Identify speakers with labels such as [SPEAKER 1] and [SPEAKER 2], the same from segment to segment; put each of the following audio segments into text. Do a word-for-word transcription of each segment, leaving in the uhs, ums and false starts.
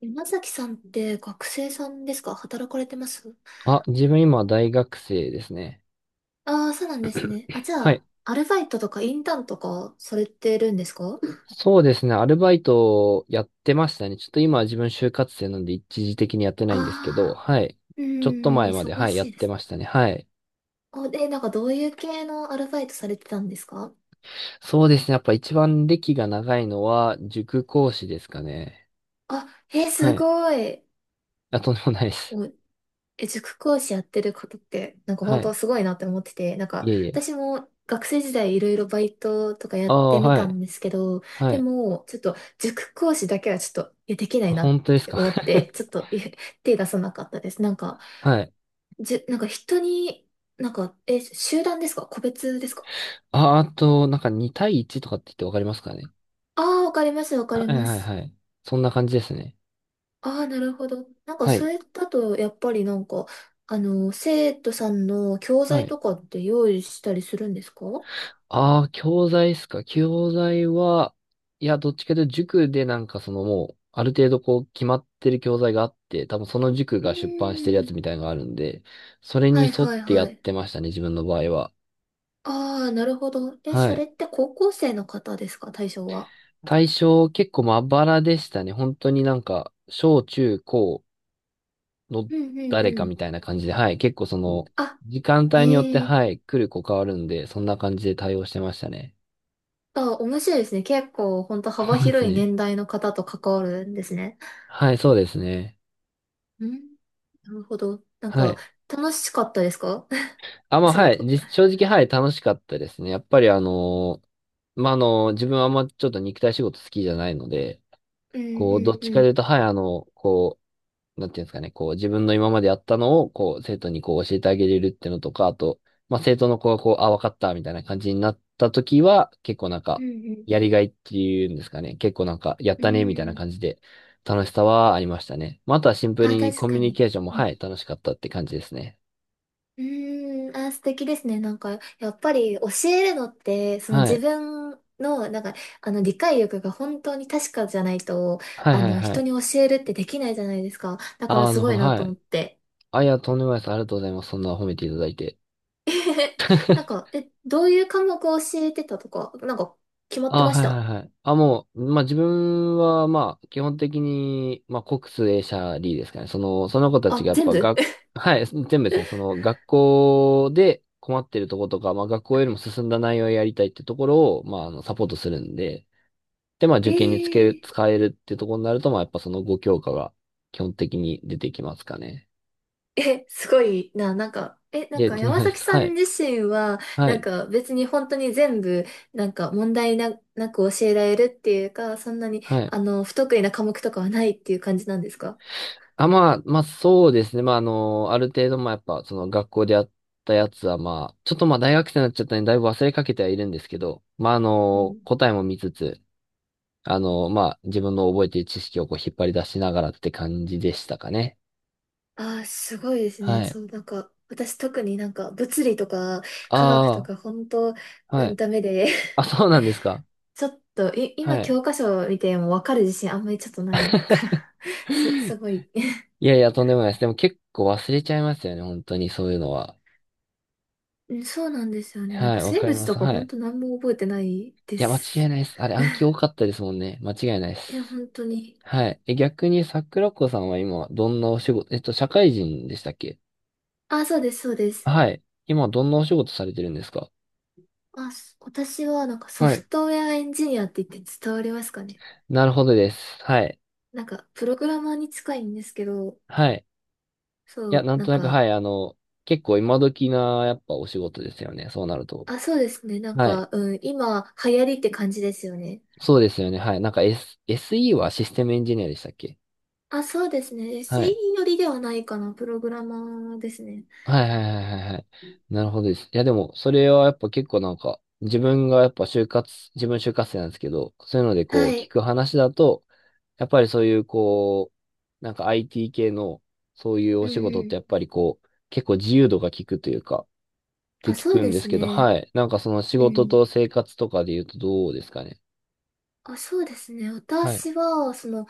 [SPEAKER 1] 山崎さんって学生さんですか？働かれてます？
[SPEAKER 2] あ、自分今大学生ですね。
[SPEAKER 1] ああー、そうなんですね。あ、じゃ
[SPEAKER 2] はい。
[SPEAKER 1] あ、アルバイトとかインターンとかされてるんですか？
[SPEAKER 2] そうですね。アルバイトやってましたね。ちょっと今は自分就活生なんで一時的にやってないんですけど、
[SPEAKER 1] あ
[SPEAKER 2] はい。
[SPEAKER 1] あー、う
[SPEAKER 2] ちょっと
[SPEAKER 1] ーん、
[SPEAKER 2] 前まで、
[SPEAKER 1] 忙
[SPEAKER 2] はい、や
[SPEAKER 1] し
[SPEAKER 2] っ
[SPEAKER 1] いで
[SPEAKER 2] て
[SPEAKER 1] す。
[SPEAKER 2] ましたね。はい。
[SPEAKER 1] お、で、なんかどういう系のアルバイトされてたんですか？
[SPEAKER 2] そうですね。やっぱ一番歴が長いのは塾講師ですかね。
[SPEAKER 1] あ、えー、す
[SPEAKER 2] はい。
[SPEAKER 1] ごい。
[SPEAKER 2] あ、とんでもないです。
[SPEAKER 1] お。え、塾講師やってることって、なんか本
[SPEAKER 2] はい。
[SPEAKER 1] 当すごいなって思ってて、なんか
[SPEAKER 2] いえいえ。
[SPEAKER 1] 私も学生時代いろいろバイトとかや
[SPEAKER 2] あ
[SPEAKER 1] って
[SPEAKER 2] あ、
[SPEAKER 1] み
[SPEAKER 2] は
[SPEAKER 1] た
[SPEAKER 2] い。
[SPEAKER 1] んですけど、
[SPEAKER 2] は
[SPEAKER 1] で
[SPEAKER 2] い。
[SPEAKER 1] もちょっと塾講師だけはちょっとえできないなっ
[SPEAKER 2] 本当です
[SPEAKER 1] て
[SPEAKER 2] か。
[SPEAKER 1] 思って、ちょっ とえ手出さなかったです。なんか、
[SPEAKER 2] はい。
[SPEAKER 1] じゅ、なんか人に、なんか、え、集団ですか個別ですか？
[SPEAKER 2] あ、あと、なんかに対いちとかって言ってわかりますかね。
[SPEAKER 1] ああー、わかります、わか
[SPEAKER 2] は
[SPEAKER 1] り
[SPEAKER 2] い
[SPEAKER 1] ま
[SPEAKER 2] はい
[SPEAKER 1] す。
[SPEAKER 2] はい。そんな感じですね。
[SPEAKER 1] ああ、なるほど。なんか
[SPEAKER 2] は
[SPEAKER 1] そ
[SPEAKER 2] い。
[SPEAKER 1] れだとやっぱりなんか、あの、生徒さんの教
[SPEAKER 2] は
[SPEAKER 1] 材
[SPEAKER 2] い。
[SPEAKER 1] とかって用意したりするんですか？
[SPEAKER 2] ああ、教材っすか。教材は、いや、どっちかというと塾でなんかそのもう、ある程度こう決まってる教材があって、多分その塾
[SPEAKER 1] う
[SPEAKER 2] が出版してるや
[SPEAKER 1] ー
[SPEAKER 2] つ
[SPEAKER 1] ん。
[SPEAKER 2] みたいなのがあるんで、それに
[SPEAKER 1] はい
[SPEAKER 2] 沿っ
[SPEAKER 1] はい
[SPEAKER 2] てや
[SPEAKER 1] は
[SPEAKER 2] っ
[SPEAKER 1] い。
[SPEAKER 2] てましたね、自分の場合は。
[SPEAKER 1] ああ、なるほど。え、
[SPEAKER 2] は
[SPEAKER 1] そ
[SPEAKER 2] い。
[SPEAKER 1] れって高校生の方ですか、対象は。
[SPEAKER 2] 対象結構まばらでしたね。本当になんか、小中高の
[SPEAKER 1] うんうん
[SPEAKER 2] 誰
[SPEAKER 1] う
[SPEAKER 2] か
[SPEAKER 1] ん。
[SPEAKER 2] みたいな感じで、はい。結構その、
[SPEAKER 1] あ、
[SPEAKER 2] 時間
[SPEAKER 1] へ
[SPEAKER 2] 帯によって、
[SPEAKER 1] え。
[SPEAKER 2] はい、来る子変わるんで、そんな感じで対応してましたね。
[SPEAKER 1] あ、面白いですね。結構、本当
[SPEAKER 2] そ
[SPEAKER 1] 幅
[SPEAKER 2] うです
[SPEAKER 1] 広い
[SPEAKER 2] ね。
[SPEAKER 1] 年代の方と関わるんですね。
[SPEAKER 2] はい、そうですね。
[SPEAKER 1] うん。なるほど。なん
[SPEAKER 2] は
[SPEAKER 1] か、
[SPEAKER 2] い。
[SPEAKER 1] 楽しかったですか？
[SPEAKER 2] あ、ま
[SPEAKER 1] お
[SPEAKER 2] あ、
[SPEAKER 1] 仕
[SPEAKER 2] はい。
[SPEAKER 1] 事。
[SPEAKER 2] じ正直、はい、楽しかったですね。やっぱり、あのーまあ、あのー自分はあんまちょっと肉体仕事好きじゃないので、
[SPEAKER 1] うんう
[SPEAKER 2] こう、ど
[SPEAKER 1] ん
[SPEAKER 2] っ
[SPEAKER 1] う
[SPEAKER 2] ちかと
[SPEAKER 1] ん。
[SPEAKER 2] いうと、はい、あの、こう、なんていうんですかね、こう、自分の今までやったのを、こう、生徒にこう、教えてあげれるっていうのとか、あと、まあ、生徒の子がこう、あ、わかった、みたいな感じになった時は、結構なん
[SPEAKER 1] う
[SPEAKER 2] か、
[SPEAKER 1] ん
[SPEAKER 2] やりがいっていうんですかね、結構なんか、やっ
[SPEAKER 1] うん。
[SPEAKER 2] たね、みたいな
[SPEAKER 1] う
[SPEAKER 2] 感
[SPEAKER 1] ん。
[SPEAKER 2] じで、楽しさはありましたね。まあ、あとはシンプル
[SPEAKER 1] あ、
[SPEAKER 2] に
[SPEAKER 1] 確
[SPEAKER 2] コミ
[SPEAKER 1] か
[SPEAKER 2] ュニ
[SPEAKER 1] に。
[SPEAKER 2] ケーションも、
[SPEAKER 1] う
[SPEAKER 2] は
[SPEAKER 1] ん
[SPEAKER 2] い、楽しかったって感じですね。
[SPEAKER 1] うーん、あー、素敵ですね。なんか、やっぱり教えるのって、その
[SPEAKER 2] は
[SPEAKER 1] 自
[SPEAKER 2] い。
[SPEAKER 1] 分の、なんか、あの、理解力が本当に確かじゃないと、
[SPEAKER 2] はい
[SPEAKER 1] あ
[SPEAKER 2] はい
[SPEAKER 1] の、
[SPEAKER 2] は
[SPEAKER 1] 人
[SPEAKER 2] い。
[SPEAKER 1] に教えるってできないじゃないですか。だか
[SPEAKER 2] あ
[SPEAKER 1] ら
[SPEAKER 2] あ、な
[SPEAKER 1] す
[SPEAKER 2] るほ
[SPEAKER 1] ご
[SPEAKER 2] ど。
[SPEAKER 1] いな
[SPEAKER 2] は
[SPEAKER 1] と思っ
[SPEAKER 2] い。
[SPEAKER 1] て。
[SPEAKER 2] あ、いや、とんでもないです。ありがとうございます。そんな褒めていただいて。
[SPEAKER 1] なんか、え、どういう科目を教えてたとか、なんか、決まって
[SPEAKER 2] ああ、
[SPEAKER 1] まし
[SPEAKER 2] はいは
[SPEAKER 1] た？
[SPEAKER 2] いはい。あ、もう、まあ、自分は、まあ、基本的に、まあ、国数英社理ですかね。その、その子たち
[SPEAKER 1] あ、
[SPEAKER 2] がやっ
[SPEAKER 1] 全
[SPEAKER 2] ぱ
[SPEAKER 1] 部。
[SPEAKER 2] 学、はい、全部ですね。その、学校で困ってるところとか、まあ、学校よりも進んだ内容をやりたいってところを、まあ、あの、サポートするんで、で、まあ、受験につけ る、
[SPEAKER 1] ええ
[SPEAKER 2] 使えるってところになると、まあ、やっぱそのご教科が基本的に出てきますかね。
[SPEAKER 1] え、すごいな、なんか、え、なん
[SPEAKER 2] で、と
[SPEAKER 1] か
[SPEAKER 2] んでも
[SPEAKER 1] 山
[SPEAKER 2] ないで
[SPEAKER 1] 崎
[SPEAKER 2] す。
[SPEAKER 1] さ
[SPEAKER 2] は
[SPEAKER 1] ん
[SPEAKER 2] い。
[SPEAKER 1] 自身は、
[SPEAKER 2] は
[SPEAKER 1] なん
[SPEAKER 2] い。
[SPEAKER 1] か別に本当に全部、なんか問題な、なく教えられるっていうか、そんなに、
[SPEAKER 2] はい。
[SPEAKER 1] あの、不得意な科目とかはないっていう感じなんですか？
[SPEAKER 2] あ、まあ、まあそうですね。まああの、ある程度まあやっぱその学校でやったやつはまあ、ちょっとまあ大学生になっちゃったんでだいぶ忘れかけてはいるんですけど、まああ
[SPEAKER 1] う
[SPEAKER 2] の、
[SPEAKER 1] ん。
[SPEAKER 2] 答えも見つつ、あの、まあ自分の覚えている知識をこう引っ張り出しながらって感じでしたかね。
[SPEAKER 1] ああ、すごいです
[SPEAKER 2] は
[SPEAKER 1] ね。
[SPEAKER 2] い。
[SPEAKER 1] そう、なんか、私特になんか物理とか科学と
[SPEAKER 2] あ
[SPEAKER 1] か本当、
[SPEAKER 2] あ、
[SPEAKER 1] う
[SPEAKER 2] は
[SPEAKER 1] ん、
[SPEAKER 2] い。
[SPEAKER 1] ダメで、
[SPEAKER 2] あ、そうなんですか。
[SPEAKER 1] ちょっと、い、
[SPEAKER 2] は
[SPEAKER 1] 今
[SPEAKER 2] い。
[SPEAKER 1] 教科書見てもわかる自信あんまりちょっとないから、す、すごい。
[SPEAKER 2] いやいや、とんでもないです。でも結構忘れちゃいますよね。本当にそういうのは。
[SPEAKER 1] うん、そうなんですよね。なん
[SPEAKER 2] は
[SPEAKER 1] か
[SPEAKER 2] い、わ
[SPEAKER 1] 生
[SPEAKER 2] かり
[SPEAKER 1] 物
[SPEAKER 2] ま
[SPEAKER 1] と
[SPEAKER 2] す。
[SPEAKER 1] か
[SPEAKER 2] は
[SPEAKER 1] 本
[SPEAKER 2] い。
[SPEAKER 1] 当何も覚えてないで
[SPEAKER 2] いや、間違い
[SPEAKER 1] す。
[SPEAKER 2] ないです。あれ暗記多かったですもんね。間違いないで
[SPEAKER 1] いや、
[SPEAKER 2] す。
[SPEAKER 1] 本当に。
[SPEAKER 2] はい。え、逆に桜子さんは今、どんなお仕事、えっと、社会人でしたっけ？
[SPEAKER 1] あ、そうです、そうです。
[SPEAKER 2] はい。今、どんなお仕事されてるんですか？
[SPEAKER 1] あ、す私はなんかソ
[SPEAKER 2] はい。
[SPEAKER 1] フトウェアエンジニアって言って伝わりますかね？
[SPEAKER 2] なるほどです。はい。
[SPEAKER 1] なんかプログラマーに近いんですけど、
[SPEAKER 2] はい。い
[SPEAKER 1] そ
[SPEAKER 2] や、
[SPEAKER 1] う、
[SPEAKER 2] なん
[SPEAKER 1] な
[SPEAKER 2] と
[SPEAKER 1] ん
[SPEAKER 2] なく、
[SPEAKER 1] か、
[SPEAKER 2] はい。あの、結構今時な、やっぱお仕事ですよね。そうなると。
[SPEAKER 1] あ、そうですね。なん
[SPEAKER 2] はい。
[SPEAKER 1] か、うん、今流行りって感じですよね。
[SPEAKER 2] そうですよね。はい。なんか、S、エスイー はシステムエンジニアでしたっけ？
[SPEAKER 1] あ、そうですね。
[SPEAKER 2] は
[SPEAKER 1] エスイー
[SPEAKER 2] い。
[SPEAKER 1] よりではないかな、プログラマーですね。
[SPEAKER 2] はいはいはいはいはい。なるほどです。いや、でも、それはやっぱ結構なんか、自分がやっぱ就活、自分就活生なんですけど、そういうのでこう、
[SPEAKER 1] は
[SPEAKER 2] 聞
[SPEAKER 1] い。
[SPEAKER 2] く話だと、やっぱりそういうこう、なんか アイティー 系のそういう
[SPEAKER 1] う
[SPEAKER 2] お
[SPEAKER 1] ん
[SPEAKER 2] 仕事っ
[SPEAKER 1] う
[SPEAKER 2] て
[SPEAKER 1] ん。
[SPEAKER 2] やっぱりこう、結構自由度が効くというか、って
[SPEAKER 1] あ、
[SPEAKER 2] 聞
[SPEAKER 1] そう
[SPEAKER 2] くん
[SPEAKER 1] で
[SPEAKER 2] です
[SPEAKER 1] す
[SPEAKER 2] けど、
[SPEAKER 1] ね。
[SPEAKER 2] はい。なんかその仕
[SPEAKER 1] う
[SPEAKER 2] 事
[SPEAKER 1] ん、
[SPEAKER 2] と生活とかで言うとどうですかね。
[SPEAKER 1] あ、そうですね。
[SPEAKER 2] はい。
[SPEAKER 1] 私は、その、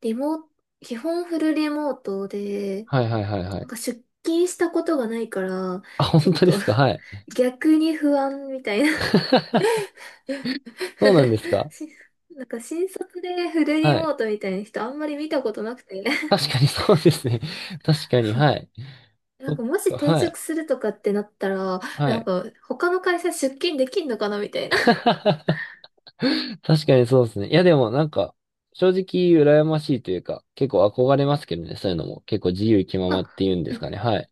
[SPEAKER 1] リモート、基本フルリモートで、
[SPEAKER 2] はいはいはいは
[SPEAKER 1] なん
[SPEAKER 2] い。
[SPEAKER 1] か出勤したことがないから、
[SPEAKER 2] あ、
[SPEAKER 1] ちょ
[SPEAKER 2] 本
[SPEAKER 1] っ
[SPEAKER 2] 当で
[SPEAKER 1] と
[SPEAKER 2] すか？はい。
[SPEAKER 1] 逆に不安みたいな。
[SPEAKER 2] そうなんですか？
[SPEAKER 1] しなんか新卒でフルリ
[SPEAKER 2] は
[SPEAKER 1] モ
[SPEAKER 2] い。
[SPEAKER 1] ートみたいな人あんまり見たことなくて。
[SPEAKER 2] 確かにそうですね。確かに、はい。
[SPEAKER 1] な
[SPEAKER 2] そ
[SPEAKER 1] ん
[SPEAKER 2] っ
[SPEAKER 1] かもし
[SPEAKER 2] か、
[SPEAKER 1] 転
[SPEAKER 2] は
[SPEAKER 1] 職
[SPEAKER 2] い。
[SPEAKER 1] するとかってなったら、
[SPEAKER 2] は
[SPEAKER 1] なん
[SPEAKER 2] い。
[SPEAKER 1] か他の会社出勤できんのかなみたい な。
[SPEAKER 2] 確かにそうですね。いや、でもなんか、正直羨ましいというか、結構憧れますけどね、そういうのも。結構自由気 まま
[SPEAKER 1] あ、
[SPEAKER 2] っていうんで
[SPEAKER 1] う
[SPEAKER 2] すかね。はい。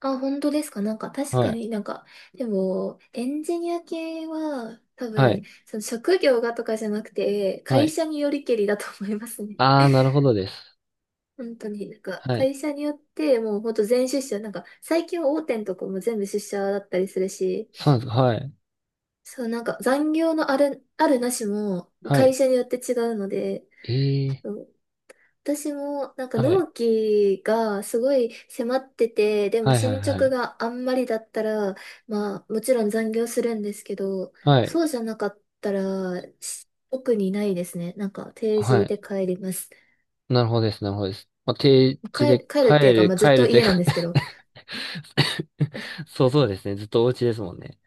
[SPEAKER 1] あ、本当ですか。なんか確
[SPEAKER 2] は
[SPEAKER 1] か
[SPEAKER 2] い。
[SPEAKER 1] になんか、でも、エンジニア系は多
[SPEAKER 2] は
[SPEAKER 1] 分、
[SPEAKER 2] い。
[SPEAKER 1] その職業がとかじゃなくて、
[SPEAKER 2] は
[SPEAKER 1] 会
[SPEAKER 2] い。
[SPEAKER 1] 社によりけりだと思いますね。
[SPEAKER 2] ああ、なるほどです。
[SPEAKER 1] 本当に、なんか
[SPEAKER 2] はい。
[SPEAKER 1] 会社によってもう本当全出社、なんか最近は大手のとこも全部出社だったりするし、
[SPEAKER 2] そうなんですか。はい。
[SPEAKER 1] そう、なんか残業のある、あるなしも
[SPEAKER 2] は
[SPEAKER 1] 会
[SPEAKER 2] い。
[SPEAKER 1] 社によって違うので、
[SPEAKER 2] ええ。
[SPEAKER 1] 私もなんか納期がすごい迫ってて、で
[SPEAKER 2] は
[SPEAKER 1] も
[SPEAKER 2] いはい
[SPEAKER 1] 進
[SPEAKER 2] はいは
[SPEAKER 1] 捗
[SPEAKER 2] い。
[SPEAKER 1] があんまりだったら、まあもちろん残業するんですけど、
[SPEAKER 2] はい。
[SPEAKER 1] そうじゃなかったら、し特にないですね。なんか定
[SPEAKER 2] は
[SPEAKER 1] 時
[SPEAKER 2] い。
[SPEAKER 1] で帰ります。
[SPEAKER 2] なるほどです。なるほどです。まあ、定時
[SPEAKER 1] 帰
[SPEAKER 2] で
[SPEAKER 1] る、帰るっ
[SPEAKER 2] 帰
[SPEAKER 1] ていうか、
[SPEAKER 2] る、
[SPEAKER 1] まあずっ
[SPEAKER 2] 帰
[SPEAKER 1] と
[SPEAKER 2] るという
[SPEAKER 1] 家な
[SPEAKER 2] か、
[SPEAKER 1] んですけど。
[SPEAKER 2] そうそうですね。ずっとお家ですもんね。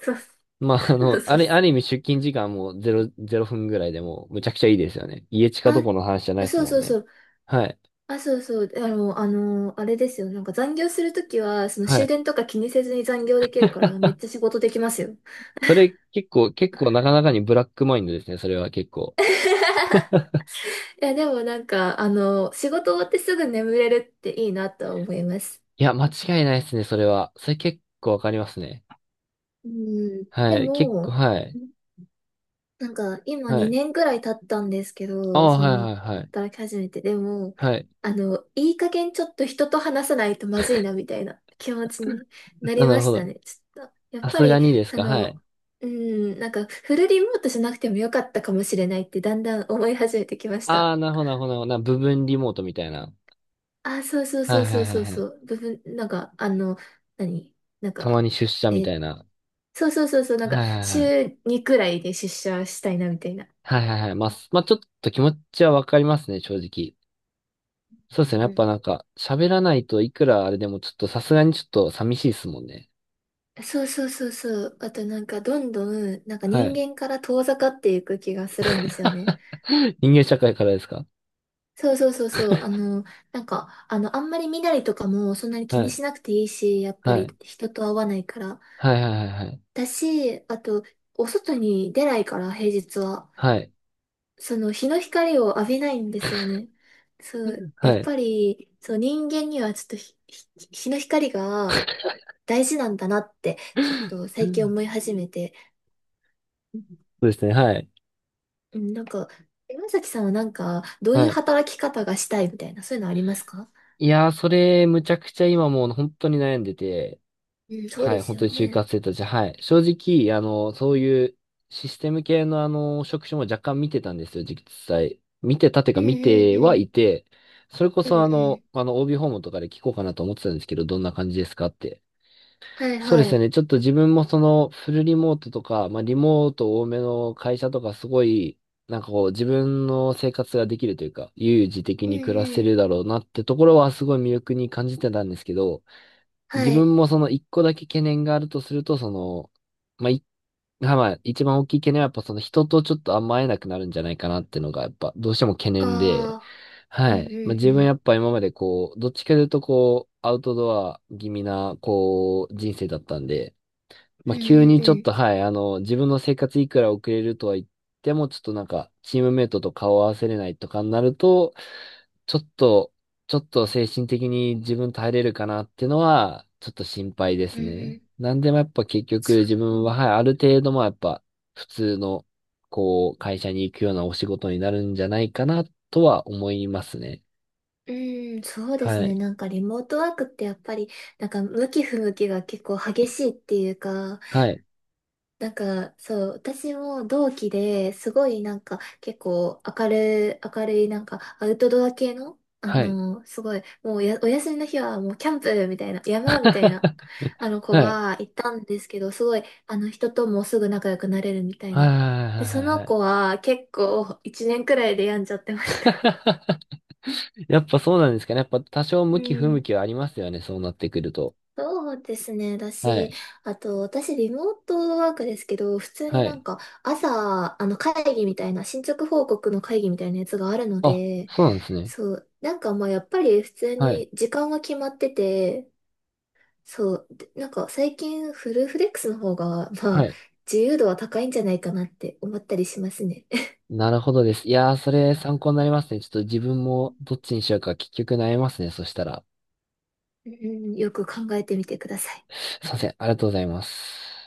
[SPEAKER 1] そう
[SPEAKER 2] まあ、あ
[SPEAKER 1] そ
[SPEAKER 2] の、
[SPEAKER 1] うそ
[SPEAKER 2] あ
[SPEAKER 1] う。
[SPEAKER 2] れ、ある意味出勤時間もうゼロ、ゼロふんぐらいでもうむちゃくちゃいいですよね。家近ど
[SPEAKER 1] あ、
[SPEAKER 2] この話じゃないです
[SPEAKER 1] そう
[SPEAKER 2] もん
[SPEAKER 1] そう
[SPEAKER 2] ね。
[SPEAKER 1] そう。
[SPEAKER 2] はい。
[SPEAKER 1] あ、そうそう。あの、あの、あれですよ。なんか残業するときは、その
[SPEAKER 2] は
[SPEAKER 1] 終
[SPEAKER 2] い。
[SPEAKER 1] 電とか気にせずに残業できるから、めっちゃ 仕事できますよ。
[SPEAKER 2] それ結構、結構なかなかにブラックマインドですね。それは結構。
[SPEAKER 1] いや、でもなんか、あの、仕事終わってすぐ眠れるっていいなとは思います。
[SPEAKER 2] いや、間違いないですね。それは。それ結構わかりますね。
[SPEAKER 1] うん。で
[SPEAKER 2] はい。結構、
[SPEAKER 1] も、
[SPEAKER 2] はい。
[SPEAKER 1] なんか、今
[SPEAKER 2] はい。
[SPEAKER 1] にねんぐらい経ったんですけ
[SPEAKER 2] あ
[SPEAKER 1] ど、
[SPEAKER 2] あ、
[SPEAKER 1] そ
[SPEAKER 2] はいは
[SPEAKER 1] の、
[SPEAKER 2] いはい。
[SPEAKER 1] 働き始めて、でも、
[SPEAKER 2] はい。
[SPEAKER 1] あの、いい加減ちょっと人と話さないとまずいな、みたいな気持ちにな
[SPEAKER 2] あ、
[SPEAKER 1] り
[SPEAKER 2] な
[SPEAKER 1] ま
[SPEAKER 2] るほ
[SPEAKER 1] し
[SPEAKER 2] ど。
[SPEAKER 1] たね。ちょっと、やっ
[SPEAKER 2] さ
[SPEAKER 1] ぱ
[SPEAKER 2] すが
[SPEAKER 1] り、
[SPEAKER 2] にです
[SPEAKER 1] そ
[SPEAKER 2] か。は
[SPEAKER 1] の、
[SPEAKER 2] い。
[SPEAKER 1] うん、なんか、フルリモートじゃなくてもよかったかもしれないって、だんだん思い始めてきまし
[SPEAKER 2] あ
[SPEAKER 1] た。
[SPEAKER 2] あ、なるほど、なるほど、なるほど。な部分リモートみたいな。
[SPEAKER 1] あ、そうそうそ
[SPEAKER 2] は
[SPEAKER 1] う
[SPEAKER 2] い
[SPEAKER 1] そ
[SPEAKER 2] は
[SPEAKER 1] う
[SPEAKER 2] いは
[SPEAKER 1] そう
[SPEAKER 2] いは
[SPEAKER 1] そ
[SPEAKER 2] い。
[SPEAKER 1] う。部分、なんか、あの、何なん
[SPEAKER 2] たま
[SPEAKER 1] か、
[SPEAKER 2] に出
[SPEAKER 1] え
[SPEAKER 2] 社みた
[SPEAKER 1] ー
[SPEAKER 2] いな。
[SPEAKER 1] そうそうそうそう、なんか、
[SPEAKER 2] はいはいはい。
[SPEAKER 1] 週にくらいで出社したいな、みたいな。
[SPEAKER 2] はいはいはい。まあ、すまあ、ちょっと気持ちはわかりますね、正直。そうです
[SPEAKER 1] う
[SPEAKER 2] ね。やっ
[SPEAKER 1] ん、
[SPEAKER 2] ぱなんか、喋らないといくらあれでもちょっとさすがにちょっと寂しいですもんね。
[SPEAKER 1] そうそうそうそう。あとなんか、どんどん、なんか
[SPEAKER 2] は
[SPEAKER 1] 人
[SPEAKER 2] い。
[SPEAKER 1] 間から遠ざかっていく気がするんですよね。
[SPEAKER 2] 人間社会からですか？
[SPEAKER 1] そうそうそうそう。あの、なんか、あの、あんまり身なりとかもそんなに気
[SPEAKER 2] は
[SPEAKER 1] に
[SPEAKER 2] い。
[SPEAKER 1] しなくていいし、やっぱ
[SPEAKER 2] は
[SPEAKER 1] り
[SPEAKER 2] い。
[SPEAKER 1] 人と会わないから。
[SPEAKER 2] はいはいはいはい。
[SPEAKER 1] だし、あと、お外に出ないから、平日は。
[SPEAKER 2] はい。
[SPEAKER 1] その日の光を浴びないんですよね。そう、や
[SPEAKER 2] は
[SPEAKER 1] っ
[SPEAKER 2] い。
[SPEAKER 1] ぱり、そう、人間にはちょっとひ、ひ日の光が大事なんだなって、ちょっと最近
[SPEAKER 2] そ
[SPEAKER 1] 思い始めて、
[SPEAKER 2] うですね。はい。
[SPEAKER 1] うん、なんか、山崎さんはなんか、どうい
[SPEAKER 2] は
[SPEAKER 1] う
[SPEAKER 2] い。
[SPEAKER 1] 働き方がしたいみたいな、そういうのありますか？
[SPEAKER 2] いやー、それ、むちゃくちゃ今もう本当に悩んでて、
[SPEAKER 1] うん、そう
[SPEAKER 2] は
[SPEAKER 1] で
[SPEAKER 2] い、本
[SPEAKER 1] すよ
[SPEAKER 2] 当に就
[SPEAKER 1] ね。
[SPEAKER 2] 活生たち、はい。正直、あの、そういうシステム系のあの、職種も若干見てたんですよ、実際。見てたて
[SPEAKER 1] う
[SPEAKER 2] か
[SPEAKER 1] んう
[SPEAKER 2] 見て
[SPEAKER 1] んう
[SPEAKER 2] は
[SPEAKER 1] ん。
[SPEAKER 2] いて、それこ
[SPEAKER 1] うんう
[SPEAKER 2] そあの、
[SPEAKER 1] ん。
[SPEAKER 2] あの、オービー 訪問とかで聞こうかなと思ってたんですけど、どんな感じですかって。
[SPEAKER 1] はい
[SPEAKER 2] そうで
[SPEAKER 1] は
[SPEAKER 2] す
[SPEAKER 1] い。
[SPEAKER 2] ね、ちょっと自分もその、フルリモートとか、まあ、リモート多めの会社とか、すごい、なんかこう、自分の生活ができるというか、悠々自適
[SPEAKER 1] うん
[SPEAKER 2] に暮らせ
[SPEAKER 1] うん。
[SPEAKER 2] るだろうなってところは、すごい魅力に感じてたんですけど、
[SPEAKER 1] は
[SPEAKER 2] 自
[SPEAKER 1] い。
[SPEAKER 2] 分もその一個だけ懸念があるとすると、その、まあ、い、まあ、一番大きい懸念はやっぱその人とちょっとあんま会えなくなるんじゃないかなっていうのがやっぱどうしても懸念で、
[SPEAKER 1] ああ。う
[SPEAKER 2] は
[SPEAKER 1] ん
[SPEAKER 2] い。まあ、自分
[SPEAKER 1] う
[SPEAKER 2] や
[SPEAKER 1] ん
[SPEAKER 2] っぱ今までこう、どっちかというとこう、アウトドア気味なこう、人生だったんで、
[SPEAKER 1] う
[SPEAKER 2] ま
[SPEAKER 1] ん。
[SPEAKER 2] あ、
[SPEAKER 1] う
[SPEAKER 2] 急
[SPEAKER 1] んう
[SPEAKER 2] に
[SPEAKER 1] ん
[SPEAKER 2] ちょ
[SPEAKER 1] う
[SPEAKER 2] っと
[SPEAKER 1] ん。
[SPEAKER 2] はい、あの、自分の生活いくら遅れるとは言っても、ちょっとなんか、チームメイトと顔を合わせれないとかになると、ちょっと、ちょっと精神的に自分耐えれるかなっていうのは、ちょっと心配で
[SPEAKER 1] う
[SPEAKER 2] す
[SPEAKER 1] んう
[SPEAKER 2] ね。
[SPEAKER 1] ん。
[SPEAKER 2] なんでもやっぱ結局
[SPEAKER 1] そ
[SPEAKER 2] 自
[SPEAKER 1] う。
[SPEAKER 2] 分は、はい、ある程度もやっぱ普通の、こう、会社に行くようなお仕事になるんじゃないかなとは思いますね。
[SPEAKER 1] うーん、そうです
[SPEAKER 2] は
[SPEAKER 1] ね。
[SPEAKER 2] い。
[SPEAKER 1] なんかリモートワークってやっぱり、なんか向き不向きが結構激しいっていうか、
[SPEAKER 2] はい。
[SPEAKER 1] なんかそう、私も同期ですごいなんか結構明るい、明るいなんかアウトドア系の、あ
[SPEAKER 2] はい。
[SPEAKER 1] の、すごい、もうやお休みの日はもうキャンプみたいな、山みたいな、あ の子
[SPEAKER 2] はい。
[SPEAKER 1] がいたんですけど、すごい、あの人ともすぐ仲良くなれるみたい
[SPEAKER 2] はい
[SPEAKER 1] な。
[SPEAKER 2] はいは
[SPEAKER 1] で、そ
[SPEAKER 2] いはい
[SPEAKER 1] の
[SPEAKER 2] はい。
[SPEAKER 1] 子は結構いちねんくらいで病んじゃってました。
[SPEAKER 2] やっぱそうなんですかね。やっぱ多少
[SPEAKER 1] う
[SPEAKER 2] 向き不向
[SPEAKER 1] ん、
[SPEAKER 2] きはありますよね。そうなってくると。
[SPEAKER 1] そうですね。だ
[SPEAKER 2] は
[SPEAKER 1] し、
[SPEAKER 2] い。
[SPEAKER 1] あと、私、リモートワークですけど、普通に
[SPEAKER 2] は
[SPEAKER 1] なん
[SPEAKER 2] い。
[SPEAKER 1] か、朝、あの、会議みたいな、進捗報告の会議みたいなやつがあるの
[SPEAKER 2] あ、
[SPEAKER 1] で、
[SPEAKER 2] そうなんですね。
[SPEAKER 1] そう、なんかまあ、やっぱり普通
[SPEAKER 2] はい。
[SPEAKER 1] に時間は決まってて、そう、でなんか最近、フルフレックスの方が、ま
[SPEAKER 2] は
[SPEAKER 1] あ、
[SPEAKER 2] い。
[SPEAKER 1] 自由度は高いんじゃないかなって思ったりしますね。
[SPEAKER 2] なるほどです。いやー、それ参考になりますね。ちょっと自分もどっちにしようか結局悩みますね。そしたら。
[SPEAKER 1] うん、よく考えてみてください。
[SPEAKER 2] すいません。ありがとうございます。